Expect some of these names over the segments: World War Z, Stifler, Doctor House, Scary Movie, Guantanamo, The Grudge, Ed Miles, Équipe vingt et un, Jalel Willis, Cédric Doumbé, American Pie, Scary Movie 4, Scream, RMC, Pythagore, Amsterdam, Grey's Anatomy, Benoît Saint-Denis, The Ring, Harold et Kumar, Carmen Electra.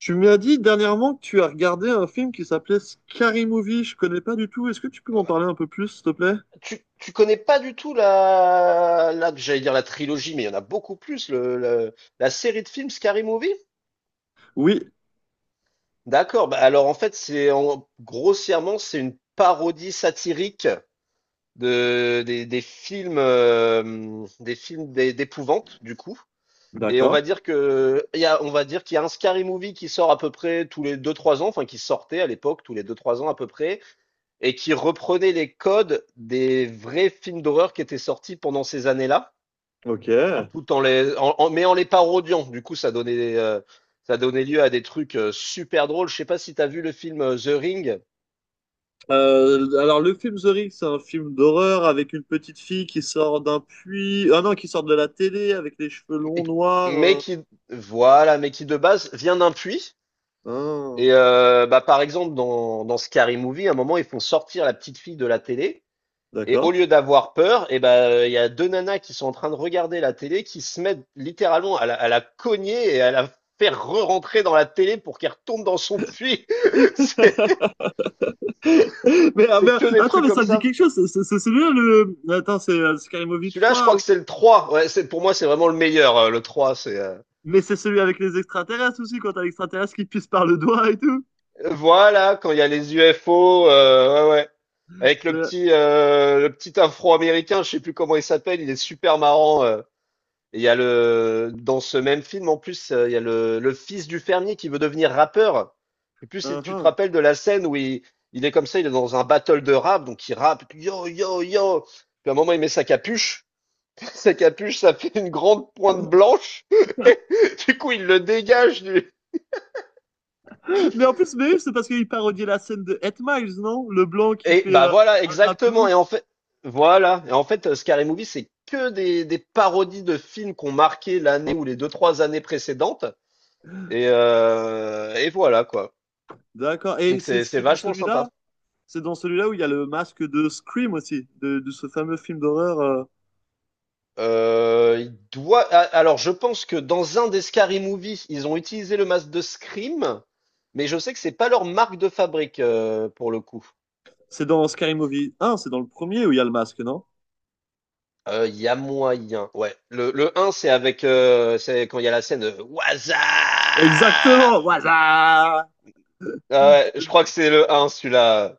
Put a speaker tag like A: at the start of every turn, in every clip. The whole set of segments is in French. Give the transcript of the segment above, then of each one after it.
A: Tu m'as dit dernièrement que tu as regardé un film qui s'appelait Scary Movie. Je connais pas du tout. Est-ce que tu peux m'en
B: Euh,
A: parler un peu plus, s'il te plaît?
B: tu connais pas du tout la j'allais dire la trilogie, mais il y en a beaucoup plus, la série de films Scary Movie?
A: Oui,
B: D'accord, bah alors en fait, grossièrement, c'est une parodie satirique de, des films d'épouvante, du coup. Et on
A: d'accord.
B: va dire que on va dire qu'il y a un Scary Movie qui sort à peu près tous les deux trois ans, enfin qui sortait à l'époque tous les deux trois ans à peu près, et qui reprenait les codes des vrais films d'horreur qui étaient sortis pendant ces années-là,
A: Ok.
B: tout en les, en- en- mais en les parodiant. Du coup, ça donnait lieu à des trucs super drôles. Je sais pas si tu as vu le film The Ring,
A: Alors, le film The Ring, c'est un film d'horreur avec une petite fille qui sort d'un puits. Ah non, qui sort de la télé avec les cheveux longs
B: mais-
A: noirs.
B: mais
A: euh.
B: qui, voilà, mais qui de base vient d'un puits.
A: Ah,
B: Et bah, par exemple, dans Scary Movie, à un moment, ils font sortir la petite fille de la télé. Et au
A: d'accord.
B: lieu d'avoir peur, et ben il y a deux nanas qui sont en train de regarder la télé, qui se mettent littéralement à la cogner et à la faire re-rentrer dans la télé pour qu'elle retourne dans son puits. C'est
A: Mais, ah, mais,
B: c'est que des
A: attends,
B: trucs
A: mais
B: comme
A: ça me dit
B: ça.
A: quelque chose. C'est celui-là, le. Attends, c'est Scary Movie
B: Celui-là, je crois
A: 3.
B: que c'est le 3. Ouais, c'est, pour moi, c'est vraiment le meilleur. Le trois, c'est...
A: Mais c'est celui avec les extraterrestres aussi, quand t'as l'extraterrestre qui te pisse par le doigt et tout.
B: Voilà, quand il y a les UFO, ouais, ouais. Avec
A: C'est-
B: le petit afro-américain, je sais plus comment il s'appelle, il est super marrant. Et il y a le... Dans ce même film, en plus, il y a le fils du fermier qui veut devenir rappeur. Et plus si tu te
A: Uhum.
B: rappelles de la scène où il est comme ça, il est dans un battle de rap, donc il rappe, et puis yo, yo, yo. Puis à un moment, il met sa capuche. Sa capuche, ça fait une grande pointe blanche. Du coup, il le dégage.
A: Mais oui, c'est parce qu'il parodiait la scène de Ed Miles, non? Le blanc qui
B: Et
A: fait
B: bah
A: euh,
B: voilà,
A: un rap de
B: exactement.
A: ouf.
B: Et en fait, voilà. Et en fait, Scary Movie, c'est que des parodies de films qu'on marqué l'année ou les deux, trois années précédentes. Et voilà, quoi.
A: D'accord. Et
B: Donc
A: c'est
B: c'est
A: c'est dans
B: vachement sympa.
A: celui-là, c'est dans celui-là où il y a le masque de Scream aussi, de ce fameux film d'horreur.
B: Alors, je pense que dans un des Scary Movie, ils ont utilisé le masque de Scream, mais je sais que c'est pas leur marque de fabrique pour le coup.
A: C'est dans Scary Movie Un, c'est dans le premier où il y a le masque, non?
B: Il y a moyen, ouais. Le un c'est avec, c'est quand il y a la scène, Waza!
A: Exactement. Voilà.
B: Ouais, ouais, je crois que c'est le un celui-là.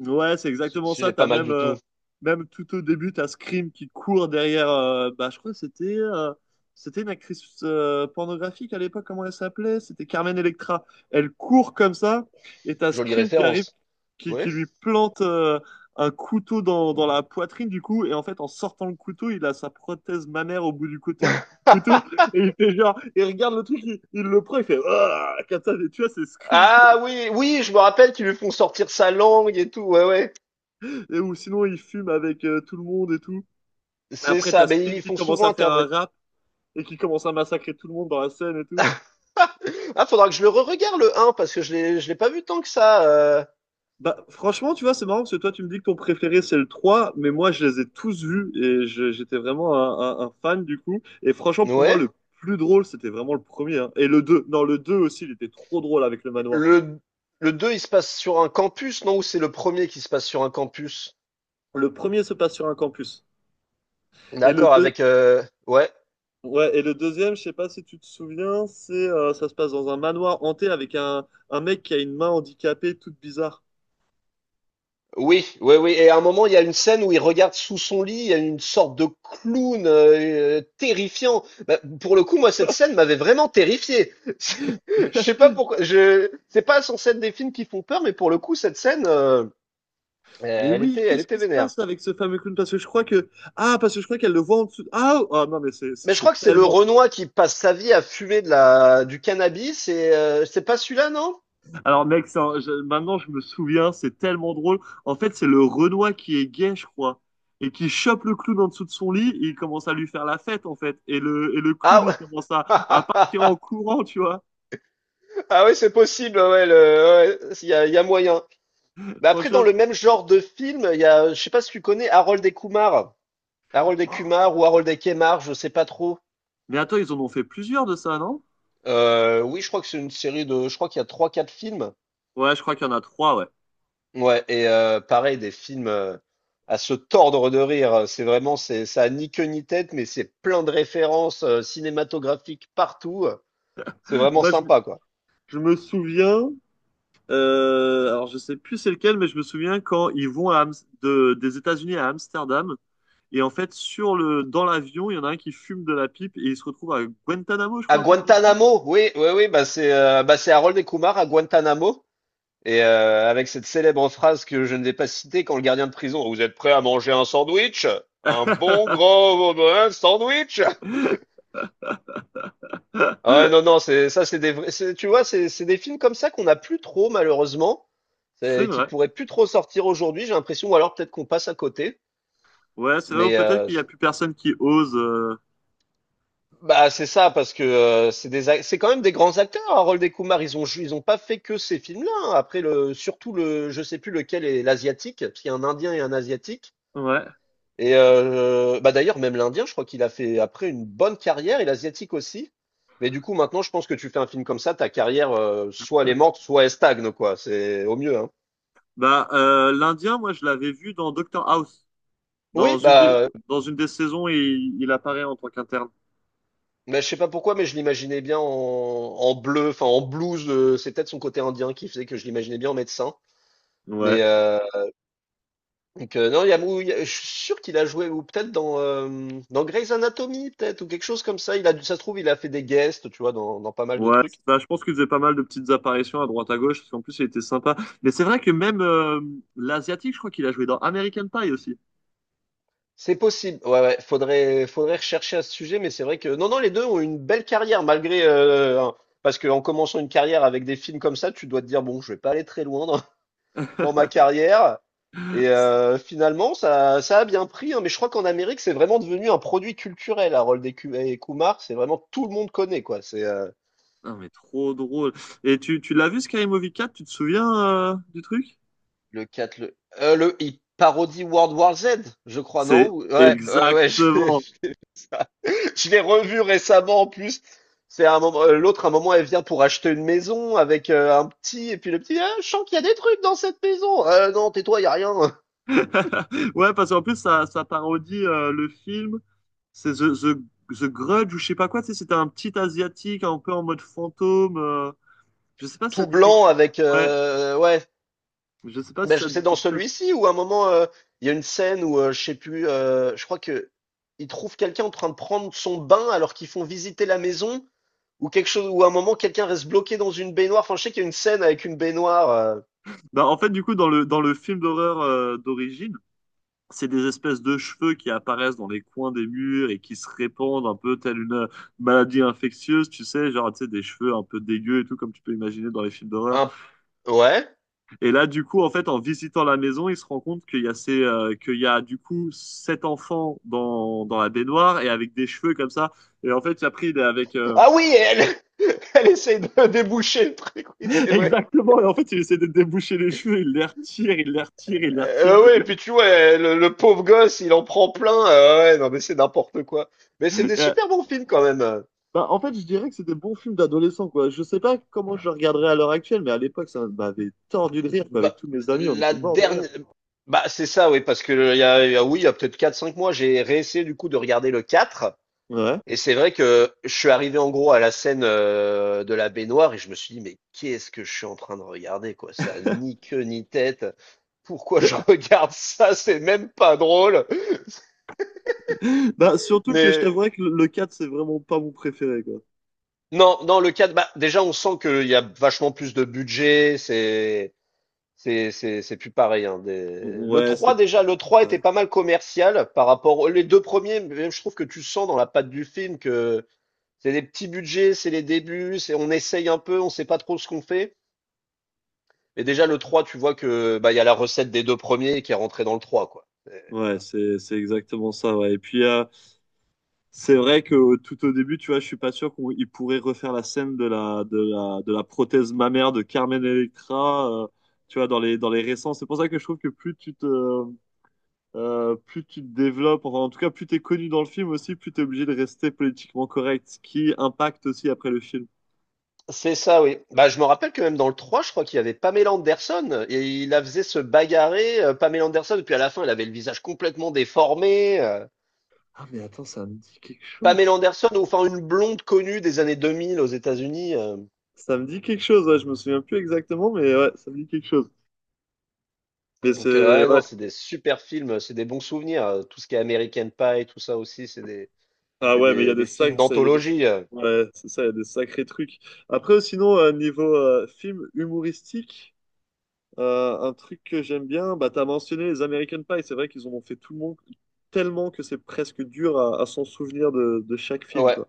A: Ouais, c'est
B: Ce
A: exactement
B: Celui-là
A: ça.
B: est pas
A: T'as
B: mal
A: même,
B: du
A: euh,
B: tout.
A: même tout au début, t'as Scream qui court derrière. Bah, je crois que c'était une actrice pornographique à l'époque. Comment elle s'appelait? C'était Carmen Electra. Elle court comme ça, et t'as
B: Jolie
A: Scream qui arrive,
B: référence.
A: qui,
B: Ouais.
A: qui lui plante un couteau dans la poitrine du coup. Et en fait, en sortant le couteau, il a sa prothèse mammaire au bout du côté. Couteau, et il fait genre, il regarde le truc, il le prend, il fait ah, comme ça, tu vois, c'est Scream, tu vois.
B: Ah oui, oui, je me rappelle qu'ils lui font sortir sa langue et tout, ouais, ouais.
A: Et, ou sinon, il fume avec tout le monde et tout.
B: C'est
A: Après,
B: ça,
A: t'as Scream
B: mais ils
A: qui
B: font
A: commence
B: souvent
A: à faire un
B: intervenir.
A: rap et qui commence à massacrer tout le monde dans la scène et tout.
B: Ah, faudra que je le regarde le un parce que je l'ai pas vu tant que ça,
A: Bah, franchement, tu vois, c'est marrant parce que toi, tu me dis que ton préféré, c'est le 3 mais moi, je les ai tous vus et j'étais vraiment un fan du coup. Et franchement, pour moi,
B: ouais.
A: le plus drôle, c'était vraiment le premier. Hein. Et le 2 non, le 2 aussi, il était trop drôle avec le manoir.
B: Le le deux il se passe sur un campus, non? Ou c'est le premier qui se passe sur un campus?
A: Le premier se passe sur un campus. Et le
B: D'accord,
A: 2
B: avec ouais,
A: ouais, et le deuxième, je sais pas si tu te souviens, c'est ça se passe dans un manoir hanté avec un mec qui a une main handicapée toute bizarre.
B: oui, oui, oui. Et à un moment, il y a une scène où il regarde sous son lit, il y a une sorte de clown terrifiant. Bah, pour le coup, moi, cette scène m'avait vraiment terrifié. C'est- Je sais pas pourquoi. C'est pas sans scène des films qui font peur, mais pour le coup, cette scène,
A: Mais oui,
B: elle
A: qu'est-ce
B: était
A: qui se
B: vénère.
A: passe avec ce fameux clown? Parce que je crois que. Ah, parce que je crois qu'elle le voit en dessous. Ah, oh, ah, non, mais c'est c'est-
B: Mais je crois
A: c'est
B: que c'est le
A: tellement.
B: Renoir qui passe sa vie à fumer du cannabis. Et c'est pas celui-là, non?
A: Alors, mec, maintenant je me souviens, c'est tellement drôle. En fait, c'est le Renoir qui est gay, je crois, et qui chope le clown en dessous de son lit et il commence à lui faire la fête, en fait. Et le clown,
B: Ah
A: il
B: ouais.
A: commence à partir en courant, tu vois.
B: Ah oui, c'est possible. Ouais, il y a moyen. Bah après, dans
A: Franchement.
B: le même genre de film, je sais pas si tu connais Harold et Kumar. Harold et
A: Oh.
B: Kumar ou Harold et Kemar, je sais pas trop.
A: Mais attends, ils en ont fait plusieurs de ça, non?
B: Oui, je crois que c'est une série de, je crois qu'il y a trois, quatre films.
A: Ouais, je crois qu'il y en a trois, ouais.
B: Ouais, et pareil, des films à se tordre de rire. C'est vraiment, ça a ni queue ni tête, mais c'est plein de références cinématographiques partout. C'est vraiment
A: Moi, je, me-
B: sympa, quoi.
A: je me souviens. Alors je sais plus c'est lequel, mais je me souviens quand ils vont des États-Unis à Amsterdam et en fait sur le dans l'avion il y en a un qui fume de la pipe et il se retrouve à Guantanamo, je
B: À
A: crois un truc comme ça.
B: Guantanamo, oui, oui, oui, bah c'est Harold et Kumar à Guantanamo. Et avec cette célèbre phrase que je ne vais pas citer quand le gardien de prison, vous êtes prêt à manger un sandwich? Un bon gros sandwich? Ah ouais, non, non, c'est ça, c'est des vrais, tu vois, c'est des films comme ça qu'on n'a plus trop, malheureusement,
A: C'est
B: qui
A: vrai.
B: pourraient plus trop sortir aujourd'hui, j'ai l'impression, ou alors peut-être qu'on passe à côté.
A: Ouais, c'est vrai ou
B: Mais
A: peut-être qu'il y a plus personne qui ose.
B: bah c'est ça parce que c'est des c'est quand même des grands acteurs hein, Harold et Kumar ils ont ils ont pas fait que ces films-là hein. Après le surtout le je sais plus lequel est l'asiatique parce qu'il y a un Indien et un asiatique.
A: Ouais.
B: Et bah d'ailleurs, même l'Indien, je crois qu'il a fait après une bonne carrière, et l'Asiatique aussi. Mais du coup, maintenant, je pense que tu fais un film comme ça, ta carrière, soit elle est morte, soit elle stagne, quoi. C'est au mieux, hein.
A: Bah l'Indien, moi je l'avais vu dans Doctor House.
B: Oui,
A: Dans une
B: bah,
A: des Dans une des saisons, il apparaît en tant qu'interne.
B: mais je sais pas pourquoi, mais je l'imaginais bien en, en bleu, enfin en blues. C'est peut-être son côté indien qui faisait que je l'imaginais bien en médecin.
A: Ouais.
B: Mais non, il y a- je suis sûr qu'il a joué, ou peut-être dans Grey's Anatomy, peut-être, ou quelque chose comme ça. Ça se trouve, il a fait des guests, tu vois, dans pas mal de
A: Ouais, c'est
B: trucs.
A: ça. Je pense qu'il faisait pas mal de petites apparitions à droite à gauche, parce qu'en plus, il était sympa. Mais c'est vrai que même l'Asiatique, je crois qu'il a joué dans American Pie aussi.
B: C'est possible. Ouais, ouais. Faudrait rechercher à ce sujet, mais c'est vrai que non, non, les deux ont une belle carrière malgré parce qu'en commençant une carrière avec des films comme ça, tu dois te dire bon, je vais pas aller très loin dans, dans ma carrière. Et finalement, ça a bien pris, hein. Mais je crois qu'en Amérique, c'est vraiment devenu un produit culturel. Harold et Kumar, c'est vraiment tout le monde connaît quoi. C'est
A: Non, mais trop drôle. Et tu l'as vu, Scary Movie 4, tu te souviens du truc?
B: Le 4 le il parodie World War Z, je crois,
A: C'est
B: non? Ou- Ouais, ouais, ouais.
A: exactement.
B: Je l'ai revu récemment en plus. C'est Un moment, elle vient pour acheter une maison avec un petit, et puis le petit, ah, je sens qu'il y a des trucs dans cette maison. Non, tais-toi, il y a rien.
A: Ouais, parce qu'en plus, ça parodie le film. C'est The Grudge ou je sais pas quoi. Tu sais, c'était un petit Asiatique un peu en mode fantôme. Je sais pas si ça
B: Tout
A: dit quelque
B: blanc
A: chose.
B: avec,
A: Ouais,
B: ouais.
A: je sais pas si
B: Ben,
A: ça
B: c'est
A: dit
B: dans
A: quelque chose.
B: celui-ci où à un moment, il y a une scène où je crois que ils trouvent quelqu'un en train de prendre son bain alors qu'ils font visiter la maison ou quelque chose, ou à un moment, quelqu'un reste bloqué dans une baignoire. Enfin, je sais qu'il y a une scène avec une baignoire.
A: Bah, en fait, du coup, dans le film d'horreur d'origine, c'est des espèces de cheveux qui apparaissent dans les coins des murs et qui se répandent un peu telle une maladie infectieuse, tu sais, genre, tu sais, des cheveux un peu dégueux et tout, comme tu peux imaginer dans les films d'horreur.
B: un, ouais.
A: Et là, du coup, en fait, en visitant la maison, il se rend compte qu'il y a ces, du coup, sept enfants dans la baignoire et avec des cheveux comme ça. Et en fait, après, il est avec...
B: Ah oui, elle elle essaye de déboucher le truc, oui, c'est vrai.
A: Exactement, et en fait, il essaie de déboucher les cheveux, il les retire, il les retire, il les retire.
B: Ouais, et puis tu vois, le pauvre gosse, il en prend plein. Ouais, non, mais c'est n'importe quoi. Mais c'est des super bons films quand même.
A: Bah, en fait, je dirais que c'est des bons films d'adolescents, quoi. Je sais pas comment je le regarderais à l'heure actuelle, mais à l'époque, ça m'avait tordu de rire, quoi.
B: Bah,
A: Avec tous mes amis, on
B: la
A: était morts de rire.
B: dernière. Bah, c'est ça, oui, parce que oui, il y a peut-être quatre, cinq mois, j'ai réessayé du coup de regarder le 4.
A: Ouais.
B: Et c'est vrai que je suis arrivé en gros à la scène de la baignoire et je me suis dit, mais qu'est-ce que je suis en train de regarder, quoi? Ça a ni queue ni tête. Pourquoi je regarde ça? C'est même pas drôle.
A: Bah, surtout que je
B: Mais
A: t'avouerais que le 4, c'est vraiment pas mon préféré, quoi.
B: non, dans le cadre, bah, déjà, on sent qu'il y a vachement plus de budget. C'est plus pareil, hein. Des- Le
A: Ouais,
B: trois déjà, le 3 était
A: ouais,
B: pas mal commercial par rapport aux les deux premiers. Même, je trouve que tu sens dans la patte du film que c'est des petits budgets, c'est les débuts, c'est, on essaye un peu, on sait pas trop ce qu'on fait. Mais déjà, le 3, tu vois que bah, il y a la recette des deux premiers qui est rentrée dans le trois quoi.
A: c'est exactement ça, ouais. Et puis, c'est vrai que tout au début, tu vois, je suis pas sûr qu'ils pourraient refaire la scène de la prothèse mammaire de Carmen Electra, tu vois, dans les récents. C'est pour ça que je trouve que plus tu te développes, enfin en tout cas plus t'es connu dans le film aussi, plus t'es obligé de rester politiquement correct, ce qui impacte aussi après le film.
B: C'est ça, oui. Bah, je me rappelle que même dans le 3, je crois qu'il y avait Pamela Anderson et il la faisait se bagarrer, Pamela Anderson, et puis à la fin, elle avait le visage complètement déformé.
A: Ah mais attends, ça me dit quelque
B: Pamela
A: chose.
B: Anderson, ou enfin une blonde connue des années 2000 aux États-Unis.
A: Ça me dit quelque chose, ouais, je me souviens plus exactement, mais ouais, ça me dit quelque chose. Mais
B: Donc,
A: c'est
B: ouais,
A: ouais.
B: non, c'est des super films, c'est des bons souvenirs. Tout ce qui est American Pie, tout ça aussi,
A: Ah
B: c'est
A: ouais, mais il y a des
B: des films
A: sacs, ça, il y a des...
B: d'anthologie.
A: Ouais, c'est ça, il y a des sacrés trucs. Après, sinon, niveau film humoristique, un truc que j'aime bien, bah t'as mentionné les American Pie, c'est vrai qu'ils en ont fait tout le monde tellement que c'est presque dur à s'en souvenir de chaque film,
B: Ouais.
A: quoi.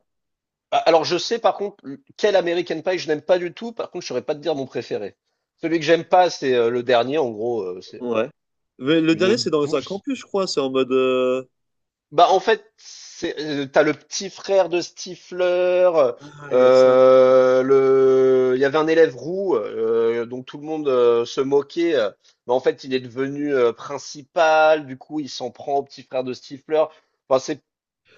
B: Ah, alors, je sais par contre quel American Pie je n'aime pas du tout. Par contre, je saurais pas te dire mon préféré. Celui que j'aime pas, c'est le dernier. En gros, c'est
A: Ouais. Mais le
B: une
A: dernier, c'est dans un
B: bouse.
A: campus, je crois. C'est en mode.
B: Bah, en fait, t'as le petit frère de Stifler.
A: Ah, il y a ça.
B: Il y avait un élève roux dont tout le monde se moquait. Mais en fait, il est devenu principal. Du coup, il s'en prend au petit frère de Stifler. Enfin, c'est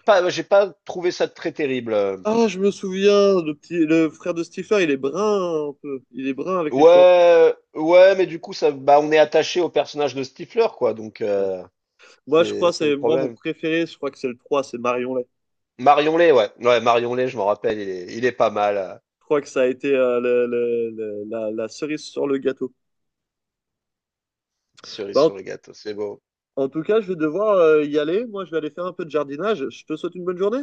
B: pas, j'ai pas trouvé ça très terrible.
A: Ah, je me souviens, le frère de Stephen, il est brun un peu. Il est brun avec les cheveux. En plus.
B: Ouais, ouais, mais du coup, bah, on est attaché au personnage de Stifler, quoi. Donc,
A: Ouais. Moi, je crois,
B: c'est le
A: c'est moi mon
B: problème.
A: préféré. Je crois que c'est le 3 c'est Marion Lay.
B: Marion Lay, ouais. Ouais, Marion Lay, je m'en rappelle, il est pas mal.
A: Je crois que ça a été la cerise sur le gâteau.
B: Cerise
A: Bah,
B: sur le gâteau, c'est beau.
A: en tout cas, je vais devoir y aller. Moi, je vais aller faire un peu de jardinage. Je te souhaite une bonne journée.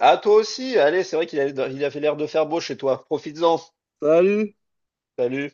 B: Ah, toi aussi, allez, c'est vrai qu'il avait l'air de faire beau chez toi. Profites-en.
A: Salut!
B: Salut.